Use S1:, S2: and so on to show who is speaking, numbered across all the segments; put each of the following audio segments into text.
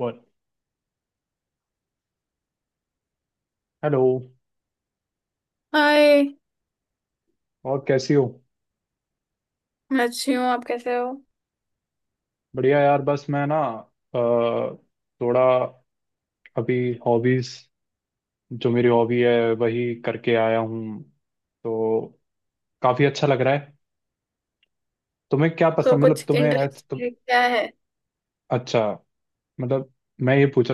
S1: बोल। Hello.
S2: Hi.
S1: और कैसी हो।
S2: मैं अच्छी हूँ, आप कैसे हो?
S1: बढ़िया यार, बस मैं ना अ, थोड़ा अभी हॉबीज, जो मेरी हॉबी है वही करके आया हूँ, तो काफी अच्छा लग रहा है। तुम्हें क्या
S2: तो
S1: पसंद, मतलब
S2: कुछ
S1: तुम्हें है
S2: इंटरेस्ट
S1: तुम।
S2: क्या है?
S1: अच्छा, मतलब मैं ये पूछ,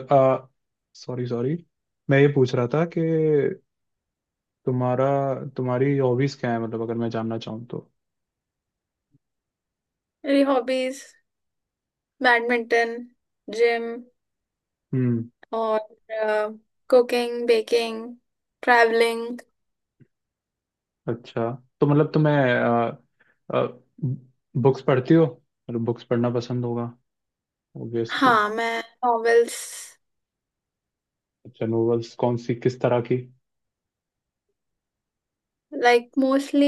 S1: सॉरी सॉरी, मैं ये पूछ रहा था कि तुम्हारा, तुम्हारी हॉबीज क्या है, मतलब अगर मैं जानना चाहूँ तो।
S2: मेरी हॉबीज बैडमिंटन, जिम
S1: हम्म
S2: और कुकिंग, बेकिंग, ट्रैवलिंग।
S1: अच्छा, तो मतलब तुम्हें बुक्स पढ़ती हो, मतलब बुक्स पढ़ना पसंद होगा ऑब्वियसली।
S2: हाँ, मैं नॉवेल्स
S1: अच्छा, नॉवेल्स कौन सी, किस तरह की।
S2: Like mostly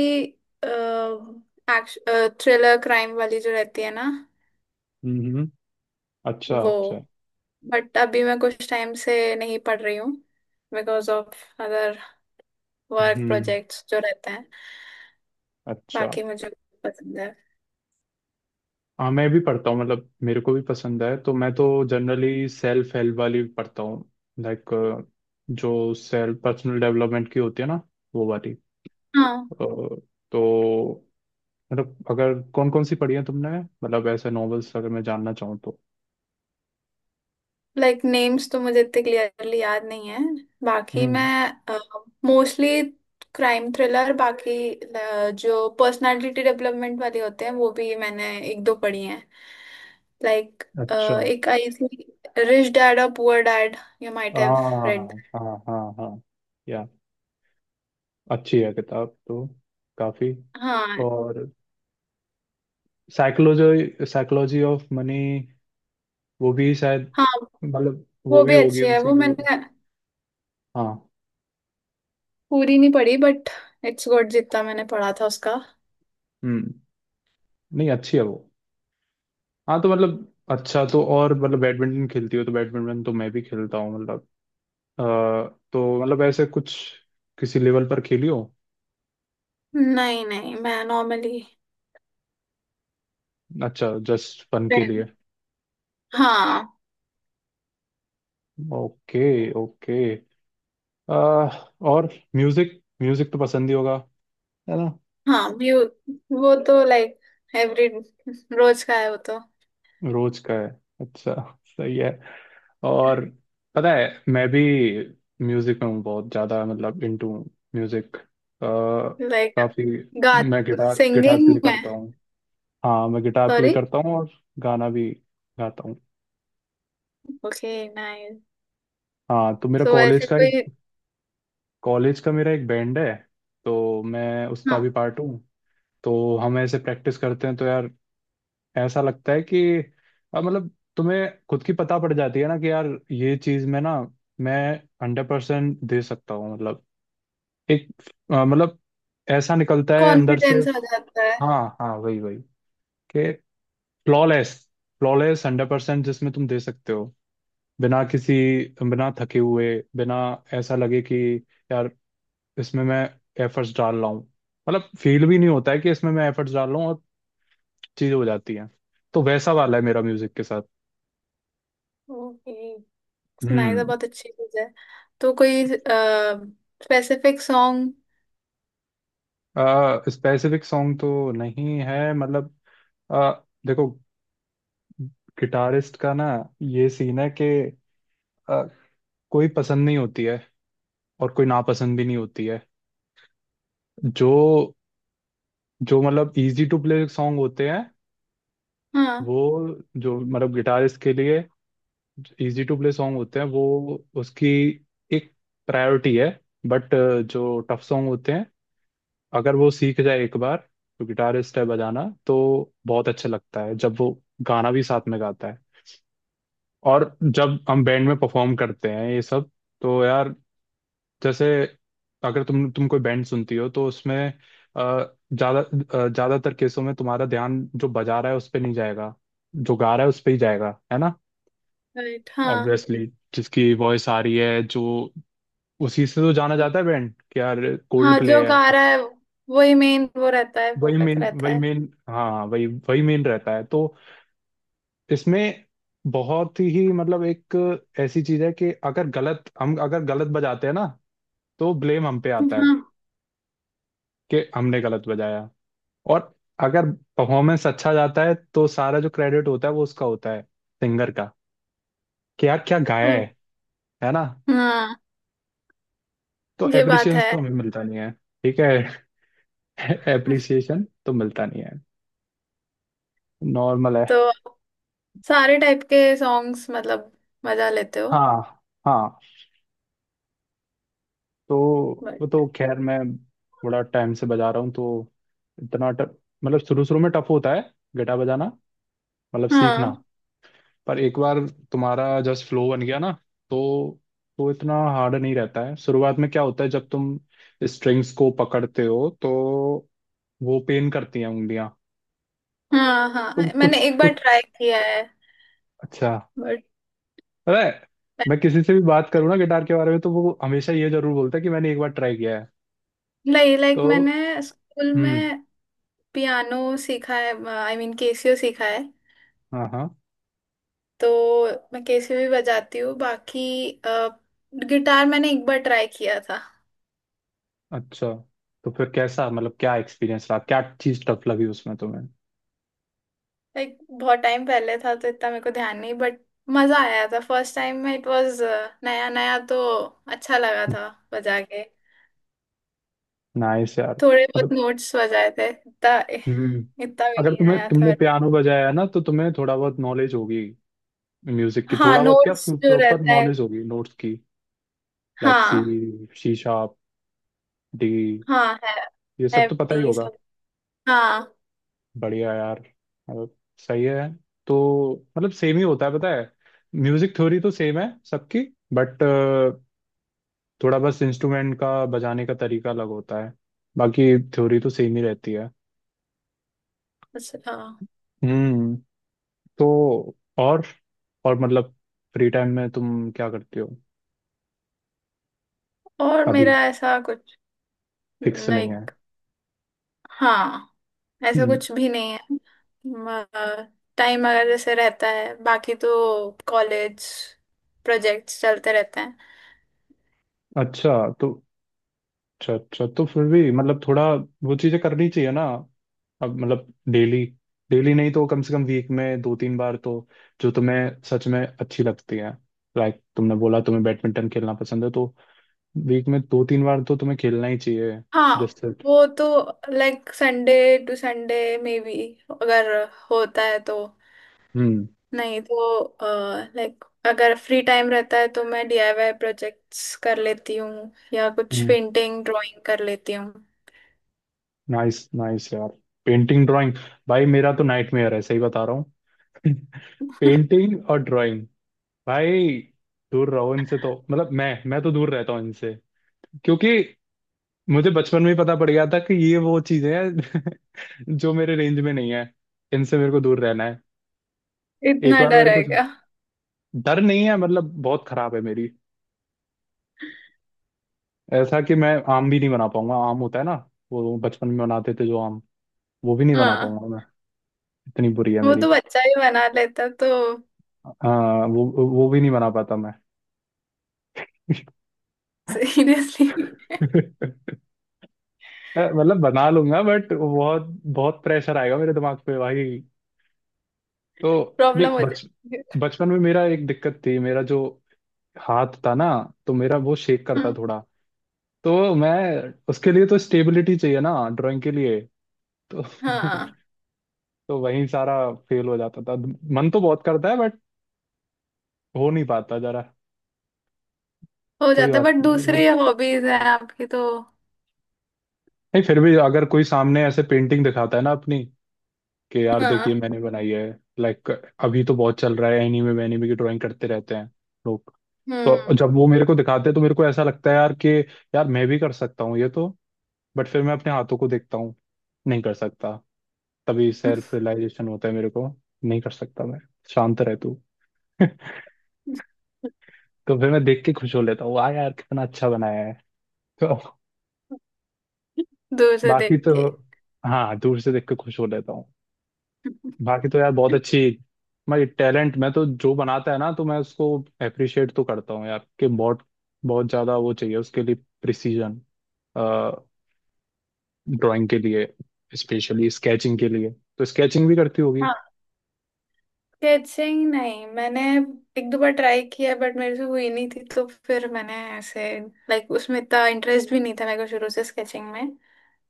S2: action, thriller, crime वाली जो रहती है ना
S1: हम्म। अच्छा
S2: वो।
S1: अच्छा।
S2: बट अभी मैं कुछ टाइम से नहीं पढ़ रही हूँ because of other work
S1: hmm.
S2: Projects जो रहते हैं।
S1: अच्छा।
S2: बाकी मुझे पसंद है।
S1: हाँ, मैं भी पढ़ता हूँ, मतलब मेरे को भी पसंद है, तो मैं तो जनरली सेल्फ हेल्प वाली पढ़ता हूँ। लाइक जो सेल्फ पर्सनल डेवलपमेंट की होती है ना, वो वाली।
S2: हाँ,
S1: अ, तो मतलब अगर कौन कौन सी पढ़ी है तुमने, मतलब ऐसे नॉवेल्स अगर मैं जानना चाहूँ तो।
S2: लाइक नेम्स तो मुझे इतने क्लियरली याद नहीं है। बाकी मैं
S1: हम्म।
S2: मोस्टली क्राइम थ्रिलर, बाकी जो पर्सनालिटी डेवलपमेंट वाले होते हैं वो भी मैंने एक दो पढ़ी हैं। लाइक
S1: अच्छा।
S2: एक आई थी, रिच डैड और Poor Dad, you might have read.
S1: हाँ हाँ हाँ हाँ। या, अच्छी है किताब तो, काफी।
S2: हाँ
S1: और साइकोलॉजी, साइकोलॉजी ऑफ मनी, वो भी शायद,
S2: हाँ।
S1: मतलब वो
S2: वो
S1: भी
S2: भी
S1: होगी
S2: अच्छी है,
S1: उसी
S2: वो
S1: की।
S2: मैंने
S1: हाँ।
S2: पूरी नहीं पढ़ी बट इट्स गुड जितना मैंने पढ़ा था उसका।
S1: हम्म। नहीं, अच्छी है वो। हाँ, तो मतलब अच्छा, तो और मतलब बैडमिंटन खेलती हो, तो बैडमिंटन तो मैं भी खेलता हूँ मतलब। अ, तो मतलब ऐसे कुछ किसी लेवल पर खेली हो।
S2: नहीं नहीं, मैं नॉर्मली।
S1: अच्छा, जस्ट फन के लिए।
S2: हाँ।
S1: Okay okay. और म्यूजिक, म्यूजिक तो पसंद ही होगा, है ना।
S2: हाँ म्यू वो तो लाइक एवरी रोज का है वो तो।
S1: रोज का है, अच्छा, सही है। और पता है, मैं भी म्यूजिक में हूँ बहुत ज्यादा, मतलब इनटू म्यूजिक,
S2: लाइक
S1: काफी।
S2: गा
S1: मैं गिटार गिटार
S2: सिंगिंग
S1: प्ले
S2: में।
S1: करता हूँ। हाँ, मैं गिटार प्ले
S2: सॉरी।
S1: करता हूँ, और गाना भी गाता हूँ।
S2: Okay nice.
S1: हाँ, तो मेरा
S2: सो
S1: कॉलेज
S2: ऐसे
S1: का एक
S2: कोई।
S1: कॉलेज का मेरा एक बैंड है, तो मैं उसका
S2: हाँ।
S1: भी पार्ट हूँ। तो हम ऐसे प्रैक्टिस करते हैं, तो यार ऐसा लगता है कि अब मतलब तुम्हें खुद की पता पड़ जाती है ना, कि यार ये चीज में ना, मैं 100% दे सकता हूँ, मतलब एक, मतलब ऐसा निकलता है अंदर से।
S2: कॉन्फिडेंस आ जाता है।
S1: हाँ हाँ, वही वही, कि फ्लॉलेस, फ्लॉलेस 100% जिसमें तुम दे सकते हो, बिना किसी, बिना थके हुए, बिना ऐसा लगे कि यार इसमें मैं एफर्ट्स डाल रहा हूँ, मतलब फील भी नहीं होता है कि इसमें मैं एफर्ट्स डाल रहा हूँ, और चीज हो जाती है। तो वैसा वाला है मेरा म्यूजिक के साथ।
S2: Okay nice,
S1: hmm.
S2: बहुत अच्छी चीज है। तो कोई स्पेसिफिक सॉन्ग?
S1: स्पेसिफिक सॉन्ग तो नहीं है, मतलब आ, देखो, गिटारिस्ट का ना ये सीन है कि आ, कोई पसंद नहीं होती है, और कोई नापसंद भी नहीं होती है। जो जो मतलब इजी टू प्ले सॉन्ग होते हैं
S2: हाँ।
S1: वो, जो मतलब गिटारिस्ट के लिए इजी टू प्ले सॉन्ग होते हैं, वो उसकी एक प्रायोरिटी है। बट जो टफ सॉन्ग होते हैं, अगर वो सीख जाए एक बार जो गिटारिस्ट है बजाना, तो बहुत अच्छा लगता है जब वो गाना भी साथ में गाता है। और जब हम बैंड में परफॉर्म करते हैं ये सब, तो यार जैसे, अगर तुम कोई बैंड सुनती हो तो उसमें ज्यादा, ज्यादातर केसों में तुम्हारा ध्यान जो बजा रहा है उस पे नहीं जाएगा, जो गा रहा है उस पे ही जाएगा, है ना।
S2: राइट, हाँ।
S1: ऑब्वियसली, जिसकी वॉइस आ रही है जो, उसी से तो जाना जाता है बैंड, कि यार कोल्ड
S2: हाँ, जो
S1: प्ले है।
S2: गा रहा है वही मेन, वो रहता है,
S1: वही
S2: फोकस
S1: मेन,
S2: रहता
S1: वही
S2: है।
S1: मेन, हाँ हाँ, वही वही मेन रहता है। तो इसमें बहुत ही मतलब एक ऐसी चीज है कि अगर गलत बजाते हैं ना, तो ब्लेम हम पे आता है
S2: हाँ।
S1: कि हमने गलत बजाया। और अगर परफॉर्मेंस अच्छा जाता है, तो सारा जो क्रेडिट होता है, वो उसका होता है, सिंगर का, कि यार क्या गाया है
S2: हम्म,
S1: है ना।
S2: हाँ,
S1: तो
S2: ये बात
S1: एप्रिसिएशन
S2: है।
S1: तो हमें मिलता नहीं है। ठीक है एप्रिसिएशन तो मिलता नहीं है, नॉर्मल है।
S2: तो सारे टाइप के सॉन्ग्स मतलब मजा लेते हो?
S1: हाँ हाँ। तो
S2: बट।
S1: वो तो खैर मैं बड़ा टाइम से बजा रहा हूँ, तो इतना मतलब शुरू शुरू में टफ होता है गिटार बजाना, मतलब सीखना।
S2: हाँ
S1: पर एक बार तुम्हारा जस्ट फ्लो बन गया ना, तो तो इतना हार्ड नहीं रहता है। शुरुआत में क्या होता है, जब तुम स्ट्रिंग्स को पकड़ते हो, तो वो पेन करती हैं उंगलियां।
S2: हाँ।
S1: तो
S2: हाँ, मैंने
S1: कुछ
S2: एक बार
S1: कुछ।
S2: ट्राई किया है।
S1: अच्छा।
S2: बट
S1: अरे, मैं किसी से भी बात करूँ ना गिटार के बारे में, तो वो हमेशा ये जरूर बोलता है कि मैंने एक बार ट्राई किया है।
S2: लाइक लाइक
S1: तो
S2: मैंने स्कूल
S1: हम्म।
S2: में पियानो सीखा है, आई मीन केसियो सीखा है।
S1: हाँ हाँ।
S2: तो मैं केसियो भी बजाती हूँ। बाकी गिटार मैंने एक बार ट्राई किया था।
S1: अच्छा, तो फिर कैसा, मतलब क्या एक्सपीरियंस रहा, क्या चीज टफ लगी उसमें तुम्हें।
S2: लाइक बहुत टाइम पहले था तो इतना मेरे को ध्यान नहीं, बट मजा आया था। फर्स्ट टाइम में इट वाज नया नया, तो अच्छा लगा था बजा के।
S1: नाइस यार।
S2: थोड़े बहुत
S1: मतलब
S2: नोट्स बजाए थे इतना।
S1: हम्म।
S2: इतना भी
S1: अगर
S2: नहीं
S1: तुम्हें,
S2: आया
S1: तुमने
S2: थर्ड।
S1: पियानो बजाया है ना, तो तुम्हें थोड़ा बहुत नॉलेज होगी म्यूजिक की,
S2: हाँ,
S1: थोड़ा बहुत, क्या
S2: नोट्स जो
S1: प्रॉपर
S2: रहता है।
S1: नॉलेज होगी नोट्स की। लाइक सी,
S2: हाँ,
S1: सी शार्प, डी,
S2: हाँ है।
S1: ये सब तो पता ही
S2: एफडी
S1: होगा।
S2: सब। हाँ।
S1: बढ़िया यार, मतलब सही है। तो मतलब सेम ही होता है पता है, म्यूजिक थ्योरी तो सेम है सबकी। बट थोड़ा बस इंस्ट्रूमेंट का बजाने का तरीका अलग होता है, बाकी थ्योरी तो सेम ही रहती है।
S2: बस हाँ।
S1: हम्म। तो और, और मतलब फ्री टाइम में तुम क्या करते हो।
S2: और
S1: अभी
S2: मेरा ऐसा कुछ।
S1: फिक्स नहीं है।
S2: लाइक। हाँ, ऐसा
S1: हम्म।
S2: कुछ भी नहीं है। टाइम अगर जैसे रहता है, बाकी तो कॉलेज प्रोजेक्ट्स चलते रहते हैं।
S1: अच्छा। तो अच्छा अच्छा, तो फिर भी मतलब थोड़ा वो चीजें करनी चाहिए ना। अब मतलब डेली, डेली नहीं तो कम से कम वीक में दो तीन बार तो, जो तुम्हें सच में अच्छी लगती है। लाइक तुमने बोला तुम्हें बैडमिंटन खेलना पसंद है, तो वीक में दो तीन बार तो तुम्हें खेलना ही चाहिए,
S2: हाँ
S1: जैसे।
S2: वो तो like Sunday to Sunday maybe, अगर होता है तो।
S1: हम्म।
S2: नहीं तो लाइक अगर फ्री टाइम रहता है तो मैं डीआईवाई प्रोजेक्ट्स कर लेती हूँ या कुछ
S1: हम्म।
S2: पेंटिंग ड्राइंग कर लेती हूँ।
S1: नाइस नाइस यार, पेंटिंग ड्राइंग, भाई मेरा तो नाइटमेयर है, सही बता रहा हूँ पेंटिंग और ड्राइंग, भाई दूर रहो इनसे, तो मतलब मैं तो दूर रहता हूँ इनसे, क्योंकि मुझे बचपन में ही पता पड़ गया था कि ये वो चीजें हैं जो मेरे रेंज में नहीं है, इनसे मेरे को दूर रहना है। एक
S2: इतना
S1: बार
S2: डर
S1: मेरे
S2: है
S1: कुछ
S2: क्या?
S1: डर नहीं है, मतलब बहुत खराब है मेरी, ऐसा कि मैं आम भी नहीं बना पाऊंगा। आम होता है ना, वो बचपन में बनाते थे जो आम, वो भी नहीं बना
S2: हाँ
S1: पाऊंगा मैं, इतनी बुरी है
S2: वो
S1: मेरी।
S2: तो बच्चा ही बना लेता तो।
S1: हाँ वो भी नहीं बना पाता मैं
S2: सीरियसली।
S1: मतलब बना लूंगा, बट बहुत बहुत प्रेशर आएगा मेरे दिमाग पे भाई। तो नहीं
S2: प्रॉब्लम हो
S1: बच
S2: जाती है।
S1: बचपन में मेरा एक दिक्कत थी, मेरा जो हाथ था ना, तो मेरा वो शेक करता थोड़ा, तो मैं, उसके लिए तो स्टेबिलिटी चाहिए ना ड्राइंग के लिए, तो
S2: हाँ हाँ।
S1: तो वहीं सारा फेल हो जाता था। मन तो बहुत करता है, बट हो नहीं पाता जरा,
S2: हो
S1: कोई
S2: जाता है,
S1: बात
S2: बट
S1: नहीं।
S2: दूसरी हॉबीज है आपकी तो।
S1: नहीं, फिर भी अगर कोई सामने ऐसे पेंटिंग दिखाता है ना अपनी, कि यार
S2: हाँ।
S1: देखिए मैंने बनाई है, लाइक अभी तो बहुत चल रहा है, एनीमे एनीमे की ड्राइंग करते रहते हैं लोग, तो
S2: हम्म।
S1: जब वो मेरे को दिखाते हैं तो मेरे को ऐसा लगता है यार, कि यार मैं भी कर सकता हूँ ये तो। बट फिर मैं अपने हाथों को देखता हूँ, नहीं कर सकता। तभी सेल्फ रियलाइजेशन होता है मेरे को, नहीं कर सकता मैं, शांत रह तू तो फिर मैं देख के खुश हो लेता हूँ, वाह यार कितना अच्छा बनाया है तो
S2: दूर से
S1: बाकी
S2: देख
S1: तो,
S2: के।
S1: हाँ, दूर से देख के खुश हो लेता हूँ। बाकी तो यार बहुत अच्छी, मैं तो जो बनाता है ना, तो मैं उसको अप्रिशिएट तो करता हूँ यार, कि बहुत बहुत ज्यादा वो चाहिए उसके लिए, प्रिसीजन, ड्राइंग के लिए, स्पेशली स्केचिंग के लिए। तो स्केचिंग भी करती होगी।
S2: स्केचिंग नहीं, मैंने एक दो बार ट्राई किया बट मेरे से हुई नहीं थी, तो फिर मैंने ऐसे लाइक उसमें इतना इंटरेस्ट भी नहीं था मेरे को शुरू से स्केचिंग में।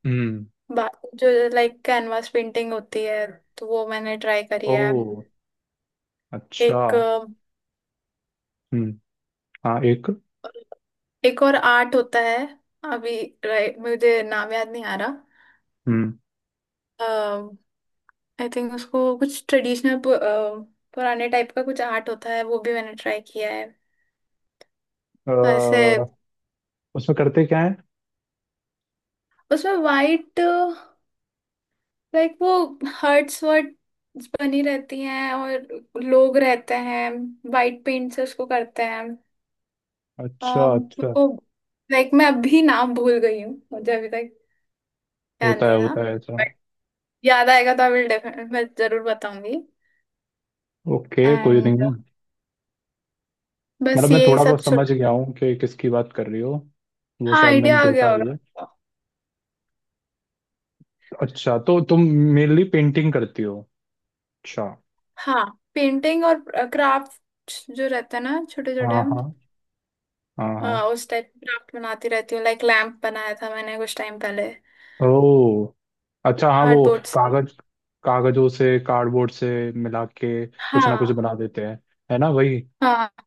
S1: हम्म।
S2: बाकी जो लाइक कैनवास पेंटिंग होती है तो वो मैंने ट्राई करी है।
S1: ओ अच्छा।
S2: एक अ,
S1: हम्म। हाँ एक।
S2: एक और आर्ट होता है अभी, right, मुझे नाम याद नहीं आ रहा।
S1: हम्म।
S2: आई थिंक उसको कुछ ट्रेडिशनल, पुराने टाइप का कुछ आर्ट होता है, वो भी मैंने ट्राई किया है।
S1: अ,
S2: तो ऐसे
S1: उसमें करते क्या है।
S2: उसमें वाइट, लाइक वो हर्ट्स वर्ट्स बनी रहती हैं और लोग रहते हैं, वाइट पेंट से उसको करते हैं।
S1: अच्छा
S2: मेरे
S1: अच्छा,
S2: को लाइक, मैं अभी नाम भूल गई हूँ, मुझे अभी तक याद नहीं था।
S1: होता है ऐसा।
S2: बट याद आएगा तो आई विल डेफिनेट मैं जरूर बताऊंगी।
S1: ओके, कोई
S2: एंड
S1: नहीं।
S2: बस
S1: मतलब मैं
S2: यही
S1: थोड़ा
S2: सब
S1: बहुत समझ
S2: छोटा।
S1: गया हूँ कि किसकी बात कर रही हो, वो
S2: हाँ,
S1: शायद मैंने
S2: आइडिया आ
S1: देखा
S2: गया
S1: भी
S2: होगा
S1: है।
S2: आपको।
S1: अच्छा, तो तुम मेनली पेंटिंग करती हो, अच्छा।
S2: हाँ, पेंटिंग और क्राफ्ट जो रहता है ना छोटे छोटे।
S1: हाँ हाँ। हाँ हाँ।
S2: उस टाइप क्राफ्ट बनाती रहती हूँ, लाइक लैंप बनाया था मैंने कुछ टाइम पहले।
S1: ओ अच्छा, हाँ वो,
S2: कार्डबोर्ड से।
S1: कागज, कागजों से, कार्डबोर्ड से मिला के कुछ ना कुछ
S2: हाँ
S1: बना देते हैं, है ना, वही।
S2: हाँ,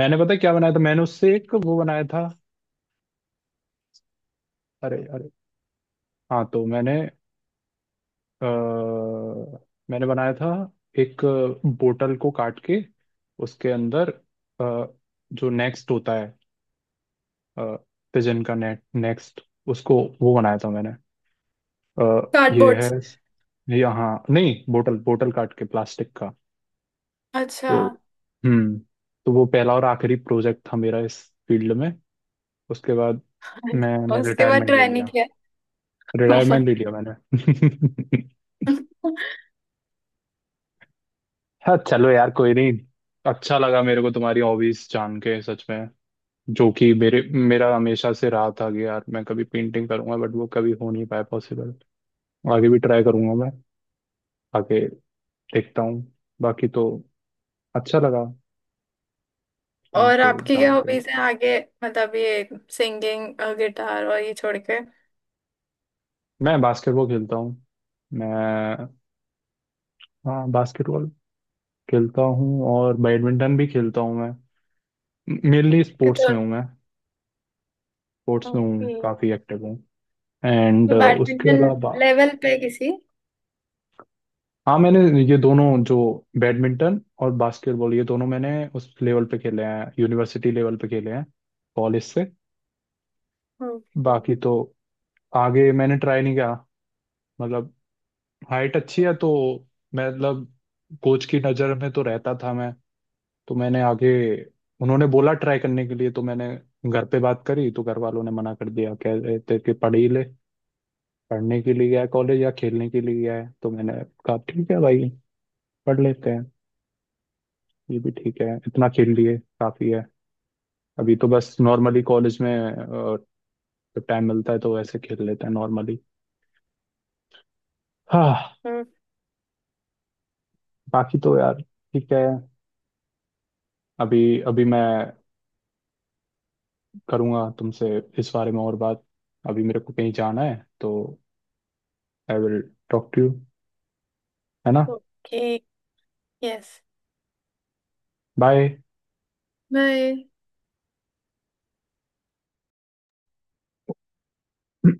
S1: मैंने उससे एक वो बनाया था, अरे अरे, हाँ तो मैंने अ, मैंने बनाया था एक बोतल को काट के, उसके अंदर अ, जो नेक्स्ट होता है, पिजन का नेट नेक्स्ट, उसको वो बनाया था मैंने। अ, ये
S2: कार्डबोर्ड
S1: है,
S2: से।
S1: ये हाँ, नहीं बोतल, बोतल काट के, प्लास्टिक का।
S2: अच्छा।
S1: तो हम्म, तो वो पहला और आखिरी प्रोजेक्ट था मेरा इस फील्ड में। उसके बाद मैंने
S2: उसके बाद
S1: रिटायरमेंट ले
S2: ट्राई नहीं
S1: लिया,
S2: किया। Oh my।
S1: रिटायरमेंट ले लिया मैंने हाँ चलो यार, कोई नहीं। अच्छा लगा मेरे को तुम्हारी हॉबीज जान के, सच में। जो कि मेरे मेरा हमेशा से रहा था कि यार मैं कभी पेंटिंग करूंगा, बट वो कभी हो नहीं पाया पॉसिबल। आगे भी ट्राई करूंगा मैं, आगे देखता हूँ। बाकी तो अच्छा लगा
S2: और
S1: तुमसे
S2: आपकी क्या
S1: जान के।
S2: हॉबीज हैं आगे, मतलब ये सिंगिंग, गिटार और ये छोड़ के?
S1: मैं बास्केटबॉल खेलता हूँ, मैं हाँ बास्केटबॉल खेलता हूँ, और बैडमिंटन भी खेलता हूँ मैं। मेनली
S2: कि
S1: स्पोर्ट्स
S2: तो।
S1: में हूँ मैं, स्पोर्ट्स में
S2: ओके।
S1: हूँ, काफ़ी एक्टिव हूँ। एंड
S2: तो
S1: उसके
S2: बैडमिंटन
S1: अलावा,
S2: लेवल पे किसी।
S1: हाँ मैंने, ये दोनों जो बैडमिंटन और बास्केटबॉल, ये दोनों मैंने उस लेवल पे खेले हैं, यूनिवर्सिटी लेवल पे खेले हैं, कॉलेज से।
S2: ओके
S1: बाकी तो आगे मैंने ट्राई नहीं किया, मतलब हाइट अच्छी है तो मतलब कोच की नज़र में तो रहता था मैं। तो मैंने आगे, उन्होंने बोला ट्राई करने के लिए, तो मैंने घर पे बात करी, तो घर वालों ने मना कर दिया, कह रहे थे कि पढ़ ही ले, पढ़ने के लिए गया है कॉलेज या खेलने के लिए गया है। तो मैंने कहा ठीक है भाई, पढ़ लेते हैं, ये भी ठीक है, इतना खेल लिए काफी है। अभी तो बस नॉर्मली कॉलेज में जब टाइम मिलता है तो वैसे खेल लेते हैं, नॉर्मली। हाँ, बाकी तो यार ठीक है। अभी अभी मैं करूँगा तुमसे इस बारे में और बात, अभी मेरे को कहीं जाना है, तो I will talk to you, है ना।
S2: ओके। यस।
S1: बाय।
S2: बाय।